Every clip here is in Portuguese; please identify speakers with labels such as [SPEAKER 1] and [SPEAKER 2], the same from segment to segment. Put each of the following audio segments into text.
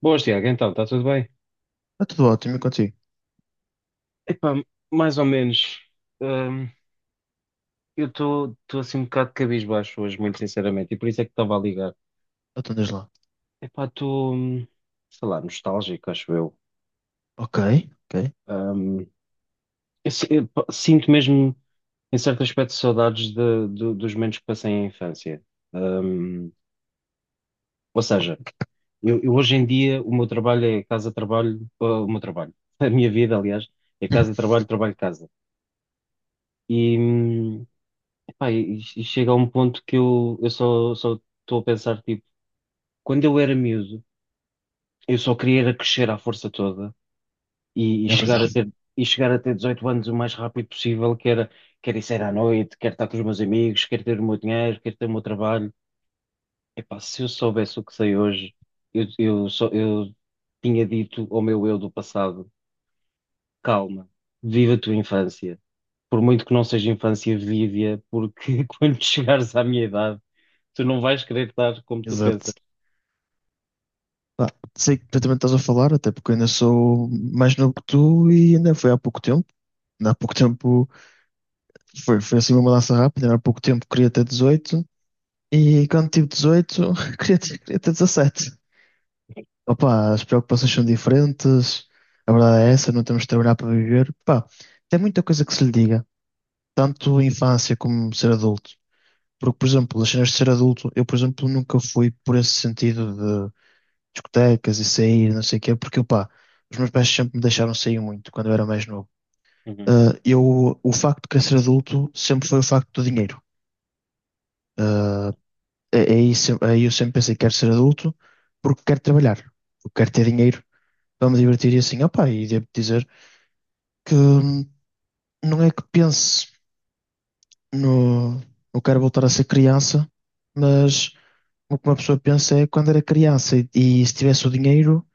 [SPEAKER 1] Boas, Tiago, então, está tudo bem?
[SPEAKER 2] Está tudo ótimo e contigo?
[SPEAKER 1] Epá, mais ou menos. Hum, eu estou assim um bocado cabisbaixo hoje, muito sinceramente, e por isso é que estava a ligar.
[SPEAKER 2] Então diz lá.
[SPEAKER 1] Epá, estou, sei lá, nostálgico, acho eu.
[SPEAKER 2] Ok, ok.
[SPEAKER 1] Hum, eu sinto mesmo, em certo aspecto, saudades dos momentos que passei em infância. Hum, ou seja, eu hoje em dia, o meu trabalho é casa-trabalho, a minha vida, aliás, é casa-trabalho, trabalho-casa. E, hum, Pá, e chega a um ponto que eu só estou a pensar, tipo, quando eu era miúdo, eu só queria era crescer à força toda e, e
[SPEAKER 2] É
[SPEAKER 1] chegar a
[SPEAKER 2] verdade.
[SPEAKER 1] ter, e chegar a ter 18 anos o mais rápido possível, que era, quero ir sair à noite, quero estar com os meus amigos, quero ter o meu dinheiro, quero ter o meu trabalho. Epá, se eu soubesse o que sei hoje, eu tinha dito ao meu eu do passado, calma, viva a tua infância. Por muito que não seja infância vívia, porque quando chegares à minha idade, tu não vais querer dar como tu
[SPEAKER 2] Exato.
[SPEAKER 1] pensas.
[SPEAKER 2] Pá, sei que perfeitamente estás a falar, até porque eu ainda sou mais novo que tu e ainda foi há pouco tempo. Ainda há pouco tempo foi assim uma mudança rápida. Ainda há pouco tempo queria ter 18 e quando tive 18 queria ter 17. Opa, as preocupações são diferentes. A verdade é essa, não temos de trabalhar para viver. Pá, tem muita coisa que se lhe diga, tanto infância como ser adulto. Porque, por exemplo, as cenas de ser adulto, eu, por exemplo, nunca fui por esse sentido de discotecas e sair, não sei o quê, porque, pá, os meus pais sempre me deixaram sair muito quando eu era mais novo.
[SPEAKER 1] Uhum.
[SPEAKER 2] Eu, o facto de querer ser adulto sempre foi o facto do dinheiro. Ah, é aí, aí eu sempre pensei, que quero ser adulto porque quero trabalhar, porque quero ter dinheiro para me divertir e assim, opá, e devo dizer que não é que pense no, no quero voltar a ser criança, mas o que uma pessoa pensa é quando era criança e se tivesse o dinheiro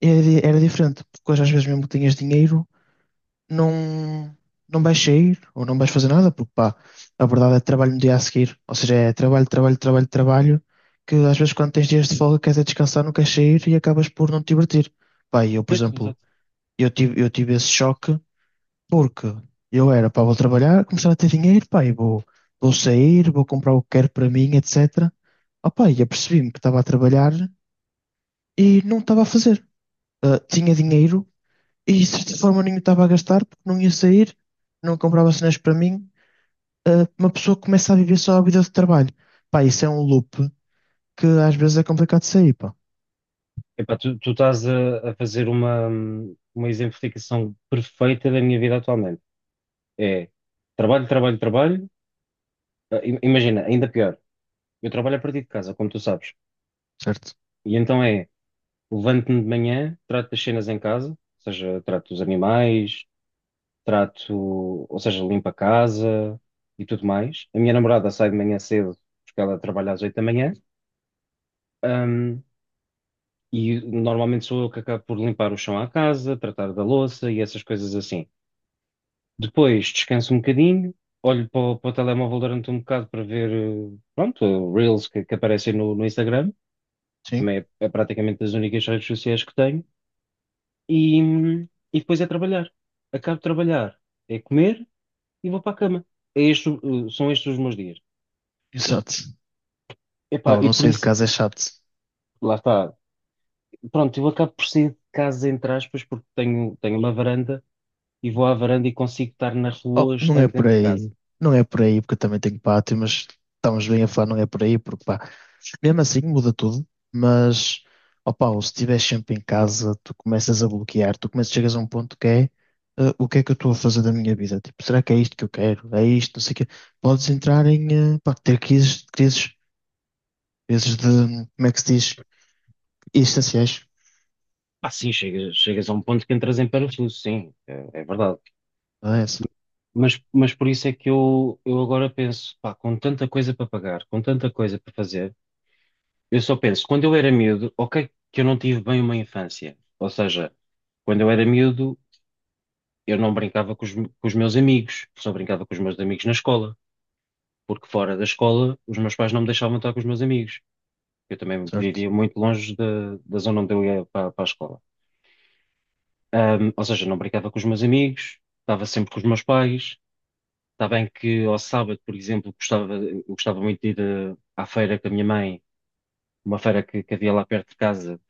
[SPEAKER 2] era, era diferente, porque hoje às vezes mesmo que tenhas dinheiro não, não vais sair ou não vais fazer nada, porque pá, a verdade é trabalho no dia a seguir, ou seja, é trabalho, trabalho, trabalho, trabalho, que às vezes quando tens dias de folga queres é descansar, não queres sair e acabas por não te divertir. Pá, e eu, por
[SPEAKER 1] Pois,
[SPEAKER 2] exemplo,
[SPEAKER 1] exato.
[SPEAKER 2] eu tive esse choque porque eu era, pá, vou trabalhar, começar a ter dinheiro, pá, e vou sair, vou comprar o que quero para mim, etc. Opa, e apercebi-me que estava a trabalhar e não estava a fazer. Tinha dinheiro e de certa forma nem estava a gastar porque não ia sair, não comprava cenas para mim. Uma pessoa começa a viver só a vida de trabalho. Pá, isso é um loop que às vezes é complicado de sair, pá.
[SPEAKER 1] Epá, tu estás a fazer uma exemplificação perfeita da minha vida atualmente. É trabalho, trabalho, trabalho. Ah, Imagina, ainda pior. Eu trabalho a partir de casa, como tu sabes.
[SPEAKER 2] Certo?
[SPEAKER 1] E então é, levanto-me de manhã, trato das cenas em casa, ou seja, trato dos animais, trato, ou seja, limpo a casa e tudo mais. A minha namorada sai de manhã cedo, porque ela trabalha às 8 da manhã. E normalmente sou eu que acabo por limpar o chão à casa, tratar da louça e essas coisas assim. Depois descanso um bocadinho, olho para o telemóvel durante um bocado para ver, pronto, Reels que aparecem no Instagram,
[SPEAKER 2] Sim.
[SPEAKER 1] também é, é praticamente das únicas redes sociais que tenho, e depois é trabalhar. Acabo de trabalhar, é comer e vou para a cama. É este, são estes os meus dias.
[SPEAKER 2] Exato. Pá,
[SPEAKER 1] Epá,
[SPEAKER 2] eu
[SPEAKER 1] e
[SPEAKER 2] não
[SPEAKER 1] por
[SPEAKER 2] sair de
[SPEAKER 1] isso,
[SPEAKER 2] casa é chato.
[SPEAKER 1] lá está. Pronto, eu acabo por sair de casa, entre aspas, porque tenho uma varanda e vou à varanda e consigo estar na
[SPEAKER 2] Oh,
[SPEAKER 1] rua
[SPEAKER 2] não é
[SPEAKER 1] estando
[SPEAKER 2] por
[SPEAKER 1] dentro de casa.
[SPEAKER 2] aí, não é por aí, porque eu também tenho pátio, mas estamos bem a falar, não é por aí, porque pá, mesmo assim, muda tudo, mas opa, se estiveres sempre em casa, tu começas a bloquear, tu começas, chegas a um ponto que é o que é que eu estou a fazer da minha vida? Tipo, será que é isto que eu quero? É isto, não sei o quê. Podes entrar em pá, ter crises de, como é que se diz? Existenciais.
[SPEAKER 1] Ah, sim, chegas a um ponto que entras em parafuso, sim, é, é verdade.
[SPEAKER 2] Ah, é essa.
[SPEAKER 1] Mas por isso é que eu agora penso, pá, com tanta coisa para pagar, com tanta coisa para fazer, eu só penso, quando eu era miúdo, ok, que eu não tive bem uma infância. Ou seja, quando eu era miúdo, eu não brincava com os meus amigos, só brincava com os meus amigos na escola, porque fora da escola, os meus pais não me deixavam estar com os meus amigos. Eu também
[SPEAKER 2] Certo.
[SPEAKER 1] vivia muito longe da zona onde eu ia para a escola. Ou seja, não brincava com os meus amigos, estava sempre com os meus pais. Está bem que ao sábado, por exemplo, gostava, eu gostava muito de ir à feira com a minha mãe, uma feira que havia lá perto de casa,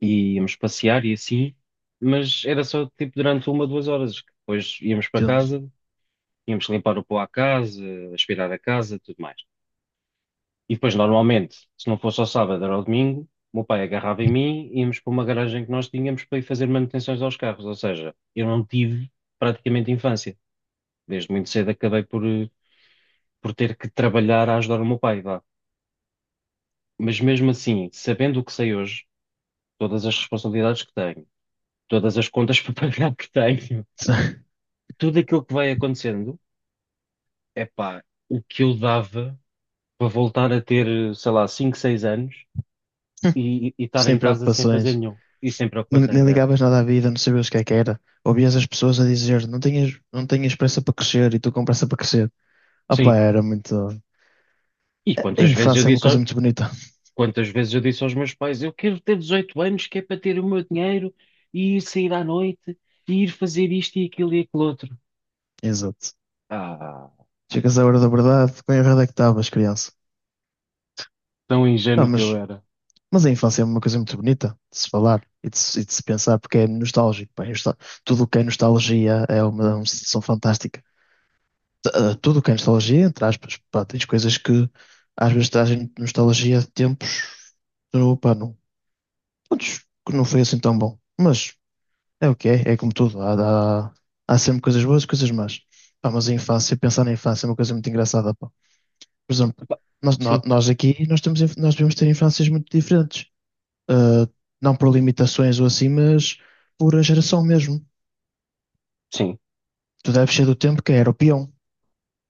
[SPEAKER 1] e íamos passear e assim, mas era só tipo durante uma, 2 horas, que depois íamos para
[SPEAKER 2] Entendo.
[SPEAKER 1] casa, íamos limpar o pó à casa, aspirar a casa, tudo mais. E depois, normalmente, se não fosse ao sábado, era ao domingo, o meu pai agarrava em mim, íamos para uma garagem que nós tínhamos para ir fazer manutenções aos carros, ou seja, eu não tive praticamente infância. Desde muito cedo acabei por, por ter que trabalhar a ajudar o meu pai, vá. Mas mesmo assim, sabendo o que sei hoje, todas as responsabilidades que tenho, todas as contas para pagar que tenho, tudo aquilo que vai acontecendo, é pá, o que eu dava para voltar a ter, sei lá, 5 6 anos e estar
[SPEAKER 2] Sem
[SPEAKER 1] em casa sem fazer
[SPEAKER 2] preocupações.
[SPEAKER 1] nenhum e sem
[SPEAKER 2] Nem
[SPEAKER 1] preocupações, é.
[SPEAKER 2] ligavas nada à vida, não sabias o que é que era. Ouvias as pessoas a dizer, não tenhas, não tenhas pressa para crescer e tu com pressa para crescer. Opa,
[SPEAKER 1] Sim.
[SPEAKER 2] era muito.
[SPEAKER 1] E
[SPEAKER 2] A
[SPEAKER 1] quantas vezes eu
[SPEAKER 2] infância é uma
[SPEAKER 1] disse,
[SPEAKER 2] coisa
[SPEAKER 1] ao-
[SPEAKER 2] muito bonita.
[SPEAKER 1] quantas vezes eu disse aos meus pais, eu quero ter 18 anos, que é para ter o meu dinheiro e ir sair à noite e ir fazer isto e aquilo outro.
[SPEAKER 2] Exato.
[SPEAKER 1] Ah,
[SPEAKER 2] Chegas à hora da verdade, com a verdade é que estavas, criança.
[SPEAKER 1] tão
[SPEAKER 2] Ah,
[SPEAKER 1] ingênuo que eu
[SPEAKER 2] mas,
[SPEAKER 1] era.
[SPEAKER 2] mas a infância é uma coisa muito bonita de se falar e de se pensar, porque é nostálgico. Pá, tudo o que é nostalgia é uma sensação fantástica. Tudo o que é nostalgia, entre aspas, pá, tens coisas que às vezes trazem nostalgia de tempos que, pá, não, putz, que não foi assim tão bom. Mas é o que é, é como tudo. Há sempre coisas boas e coisas más. Pá, mas a infância, pensar na infância é uma coisa muito engraçada, pá. Por exemplo,
[SPEAKER 1] Epá,
[SPEAKER 2] nós, nó-
[SPEAKER 1] sim,
[SPEAKER 2] nós aqui nós temos, inf- nós devemos ter infâncias muito diferentes. Ah, não por limitações ou assim, mas por a geração mesmo.
[SPEAKER 1] sim.
[SPEAKER 2] Tu deves ser do tempo que era o peão.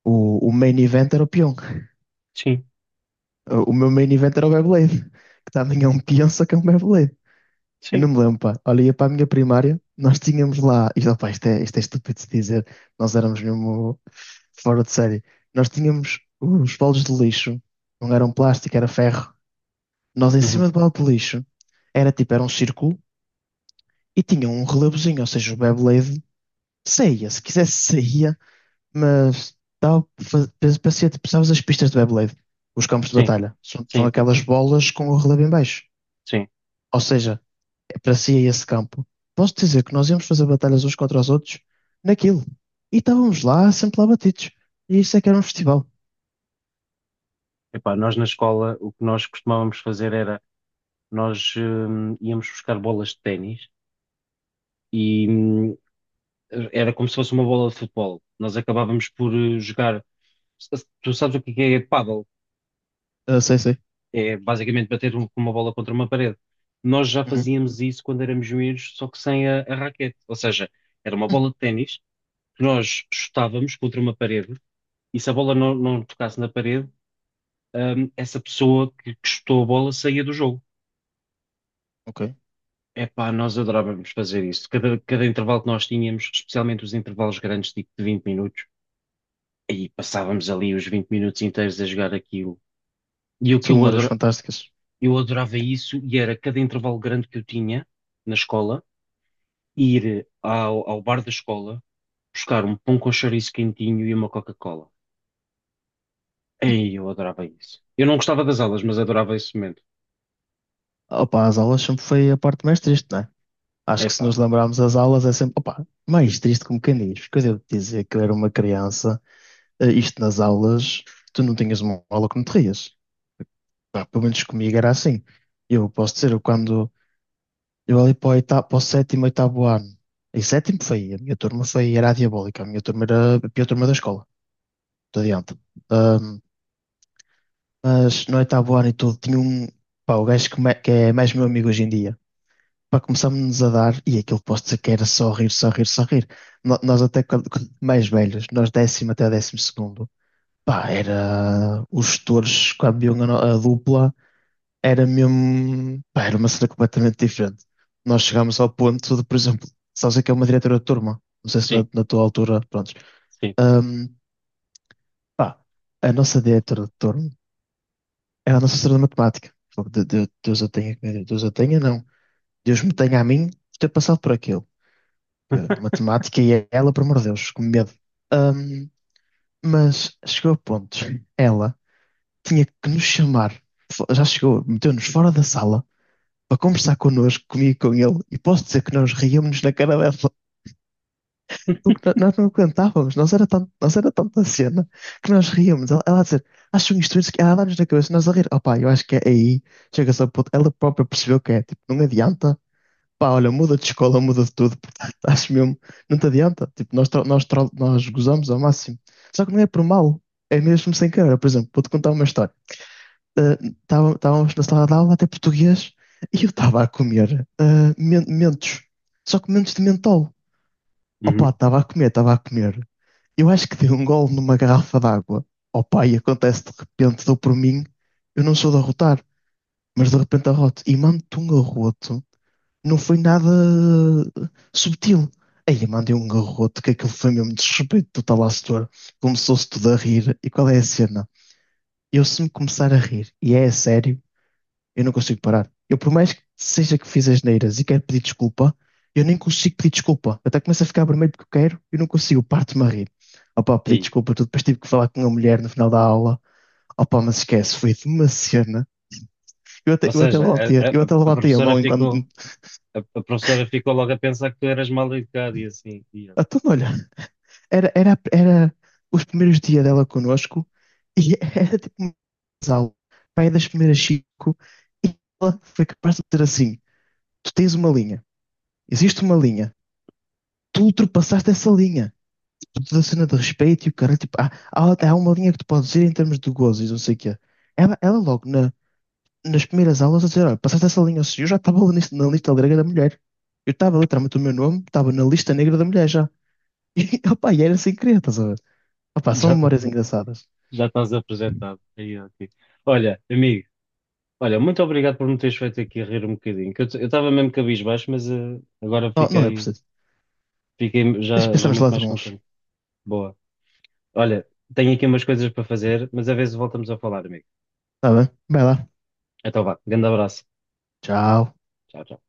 [SPEAKER 2] O main event era o peão.
[SPEAKER 1] Sim,
[SPEAKER 2] O meu main event era o Beyblade, que também é um peão, só que é um Beyblade. Eu não
[SPEAKER 1] sim.
[SPEAKER 2] me lembro, pá. Olha, ia para a minha primária, nós tínhamos lá. Isto, opá, isto é estúpido de se dizer, nós éramos mesmo fora de série. Nós tínhamos os bolos de lixo, não eram plástico, era ferro. Nós em
[SPEAKER 1] Uhum.
[SPEAKER 2] cima do balde de lixo era tipo, era um círculo e tinha um relevozinho, ou seja, o Beyblade saía, se quisesse saía, mas parecia tipo, sabes as pistas de Beyblade, os campos de
[SPEAKER 1] Sim,
[SPEAKER 2] batalha, são
[SPEAKER 1] sim, sim, sim.
[SPEAKER 2] aquelas bolas com o relevo em baixo.
[SPEAKER 1] Sim.
[SPEAKER 2] Ou seja, parecia esse campo. Posso dizer que nós íamos fazer batalhas uns contra os outros naquilo. E estávamos lá, sempre lá batidos. E isso é que era um festival.
[SPEAKER 1] Epá, nós na escola o que nós costumávamos fazer era nós íamos buscar bolas de ténis e era como se fosse uma bola de futebol. Nós acabávamos por jogar. Tu sabes o que é pádel?
[SPEAKER 2] Ah, sei, sei.
[SPEAKER 1] É basicamente bater com uma bola contra uma parede. Nós já
[SPEAKER 2] Uhum,
[SPEAKER 1] fazíamos isso quando éramos miúdos, só que sem a raquete. Ou seja, era uma bola de ténis nós chutávamos contra uma parede e se a bola não tocasse na parede, essa pessoa que chutou a bola saía do jogo.
[SPEAKER 2] ok.
[SPEAKER 1] Epá, nós adorávamos fazer isso. Cada intervalo que nós tínhamos, especialmente os intervalos grandes, tipo de 20 minutos, e passávamos ali os 20 minutos inteiros a jogar aquilo. E o que
[SPEAKER 2] São
[SPEAKER 1] eu
[SPEAKER 2] memórias
[SPEAKER 1] adora-
[SPEAKER 2] fantásticas.
[SPEAKER 1] eu adorava isso, e era cada intervalo grande que eu tinha na escola, ir ao, ao bar da escola, buscar um pão com chouriço quentinho e uma Coca-Cola. Ei, eu adorava isso. Eu não gostava das aulas, mas adorava esse momento.
[SPEAKER 2] Opa, as aulas sempre foi a parte mais triste, não é? Acho que se
[SPEAKER 1] Epá,
[SPEAKER 2] nos lembrarmos as aulas é sempre, mais triste como quem diz, porque eu devo dizer que eu era uma criança, isto nas aulas, tu não tinhas uma aula que não te rias. Pá, pelo menos comigo era assim. Eu posso dizer, eu quando, eu ali para o, oitavo, para o sétimo, oitavo ano, e sétimo foi, a minha turma foi, era a diabólica, a minha turma era a pior turma da escola, não adianta. Ahm, mas no oitavo ano e tudo, tinha um, pá, o gajo que, que é mais meu amigo hoje em dia, para começámos-nos a dar, e aquilo posso dizer que era só rir, só rir, só rir. Nós até quando mais velhos, nós 10.º até 12.º, pá, era, os tutores quando viam a, no- a dupla, era mesmo, pá, era uma cena completamente diferente. Nós chegámos ao ponto de, por exemplo, sabes o que é uma diretora de turma? Não sei se
[SPEAKER 1] sim,
[SPEAKER 2] na tua altura, prontos.
[SPEAKER 1] sim.
[SPEAKER 2] Ahm, Pá, a nossa diretora de turma era a nossa senhora de matemática. Fogo, Deus a tenha, não. Deus me tenha a mim por ter passado por aquilo. Que matemática e ela, por amor de Deus, com medo. Ahm, mas chegou a pontos. Ela tinha que nos chamar. Já chegou, meteu-nos fora da sala para conversar connosco, comigo e com ele. E posso dizer que nós ríamos na cara dela. Porque nós não aguentávamos. Nós era, tanto, nós era tanta cena que nós ríamos. Ela a dizer, acham isto, isso, que ela a dar-nos na cabeça, nós a rir. Opá, eu acho que é aí. Chega-se a ponto. Ela própria percebeu que é, tipo, não adianta. Pá, olha, muda de escola, muda de tudo, portanto, acho mesmo, não te adianta. Tipo, nós gozamos ao máximo. Só que não é por mal, é mesmo sem querer. Por exemplo, vou-te contar uma história. Ah, Estávamos na sala de aula, até português, e eu estava a comer mentos, só que mentos de mentol. Opa,
[SPEAKER 1] Uhum.
[SPEAKER 2] estava a comer. Eu acho que dei um gole numa garrafa d'água. Opa, e acontece de repente, dou por mim, eu não sou de arrotar, mas de repente arroto, e mando-te um arroto não foi nada subtil. Aí eu mandei um garrote que aquilo foi mesmo desrespeito total à setor. Começou-se tudo a rir. E qual é a cena? Eu, se me começar a rir, e é a sério, eu não consigo parar. Eu, por mais que seja que fiz asneiras e quero pedir desculpa, eu nem consigo pedir desculpa. Eu até começo a ficar vermelho porque eu quero, eu não consigo, parto-me a rir. Opa, pedi
[SPEAKER 1] Ei.
[SPEAKER 2] desculpa, tudo. Depois tive que falar com a mulher no final da aula. Opa, mas esquece, foi de uma cena. Eu até,
[SPEAKER 1] Ou
[SPEAKER 2] eu até
[SPEAKER 1] seja,
[SPEAKER 2] levantei, eu até
[SPEAKER 1] a
[SPEAKER 2] levantei a
[SPEAKER 1] professora
[SPEAKER 2] mão enquanto.
[SPEAKER 1] ficou, a professora ficou logo a pensar que tu eras mal educado e assim, e eu,
[SPEAKER 2] Então, olha, Era os primeiros dias dela connosco e era tipo uma aula, pai das primeiras cinco, e ela foi capaz de dizer assim: tu tens uma linha, existe uma linha, tu ultrapassaste essa linha. Tipo, toda a cena de respeito e o cara, tipo, há uma linha que tu podes ir em termos de gozos e não sei o quê. Ela logo nas primeiras aulas a dizer: olha, passaste essa linha, ou seja, eu já estava na lista negra da mulher. Eu estava literalmente o meu nome, estava na lista negra da mulher já. E era sem querer, estás a ver? Opa, são
[SPEAKER 1] já, tá-
[SPEAKER 2] memórias engraçadas.
[SPEAKER 1] já estás apresentado. Aí, ok. Olha, amigo, muito obrigado por me teres feito aqui rir um bocadinho, que eu estava mesmo cabisbaixo, mas agora
[SPEAKER 2] Não, não é
[SPEAKER 1] fiquei,
[SPEAKER 2] preciso.
[SPEAKER 1] fiquei
[SPEAKER 2] Deixa
[SPEAKER 1] já,
[SPEAKER 2] pensar
[SPEAKER 1] já
[SPEAKER 2] nos
[SPEAKER 1] muito
[SPEAKER 2] lados
[SPEAKER 1] mais
[SPEAKER 2] bons.
[SPEAKER 1] contente. Boa. Olha, tenho aqui umas coisas para fazer, mas a vezes voltamos a falar, amigo.
[SPEAKER 2] Tá bem? Vai lá.
[SPEAKER 1] Então vá, grande abraço.
[SPEAKER 2] Tchau.
[SPEAKER 1] Tchau, tchau.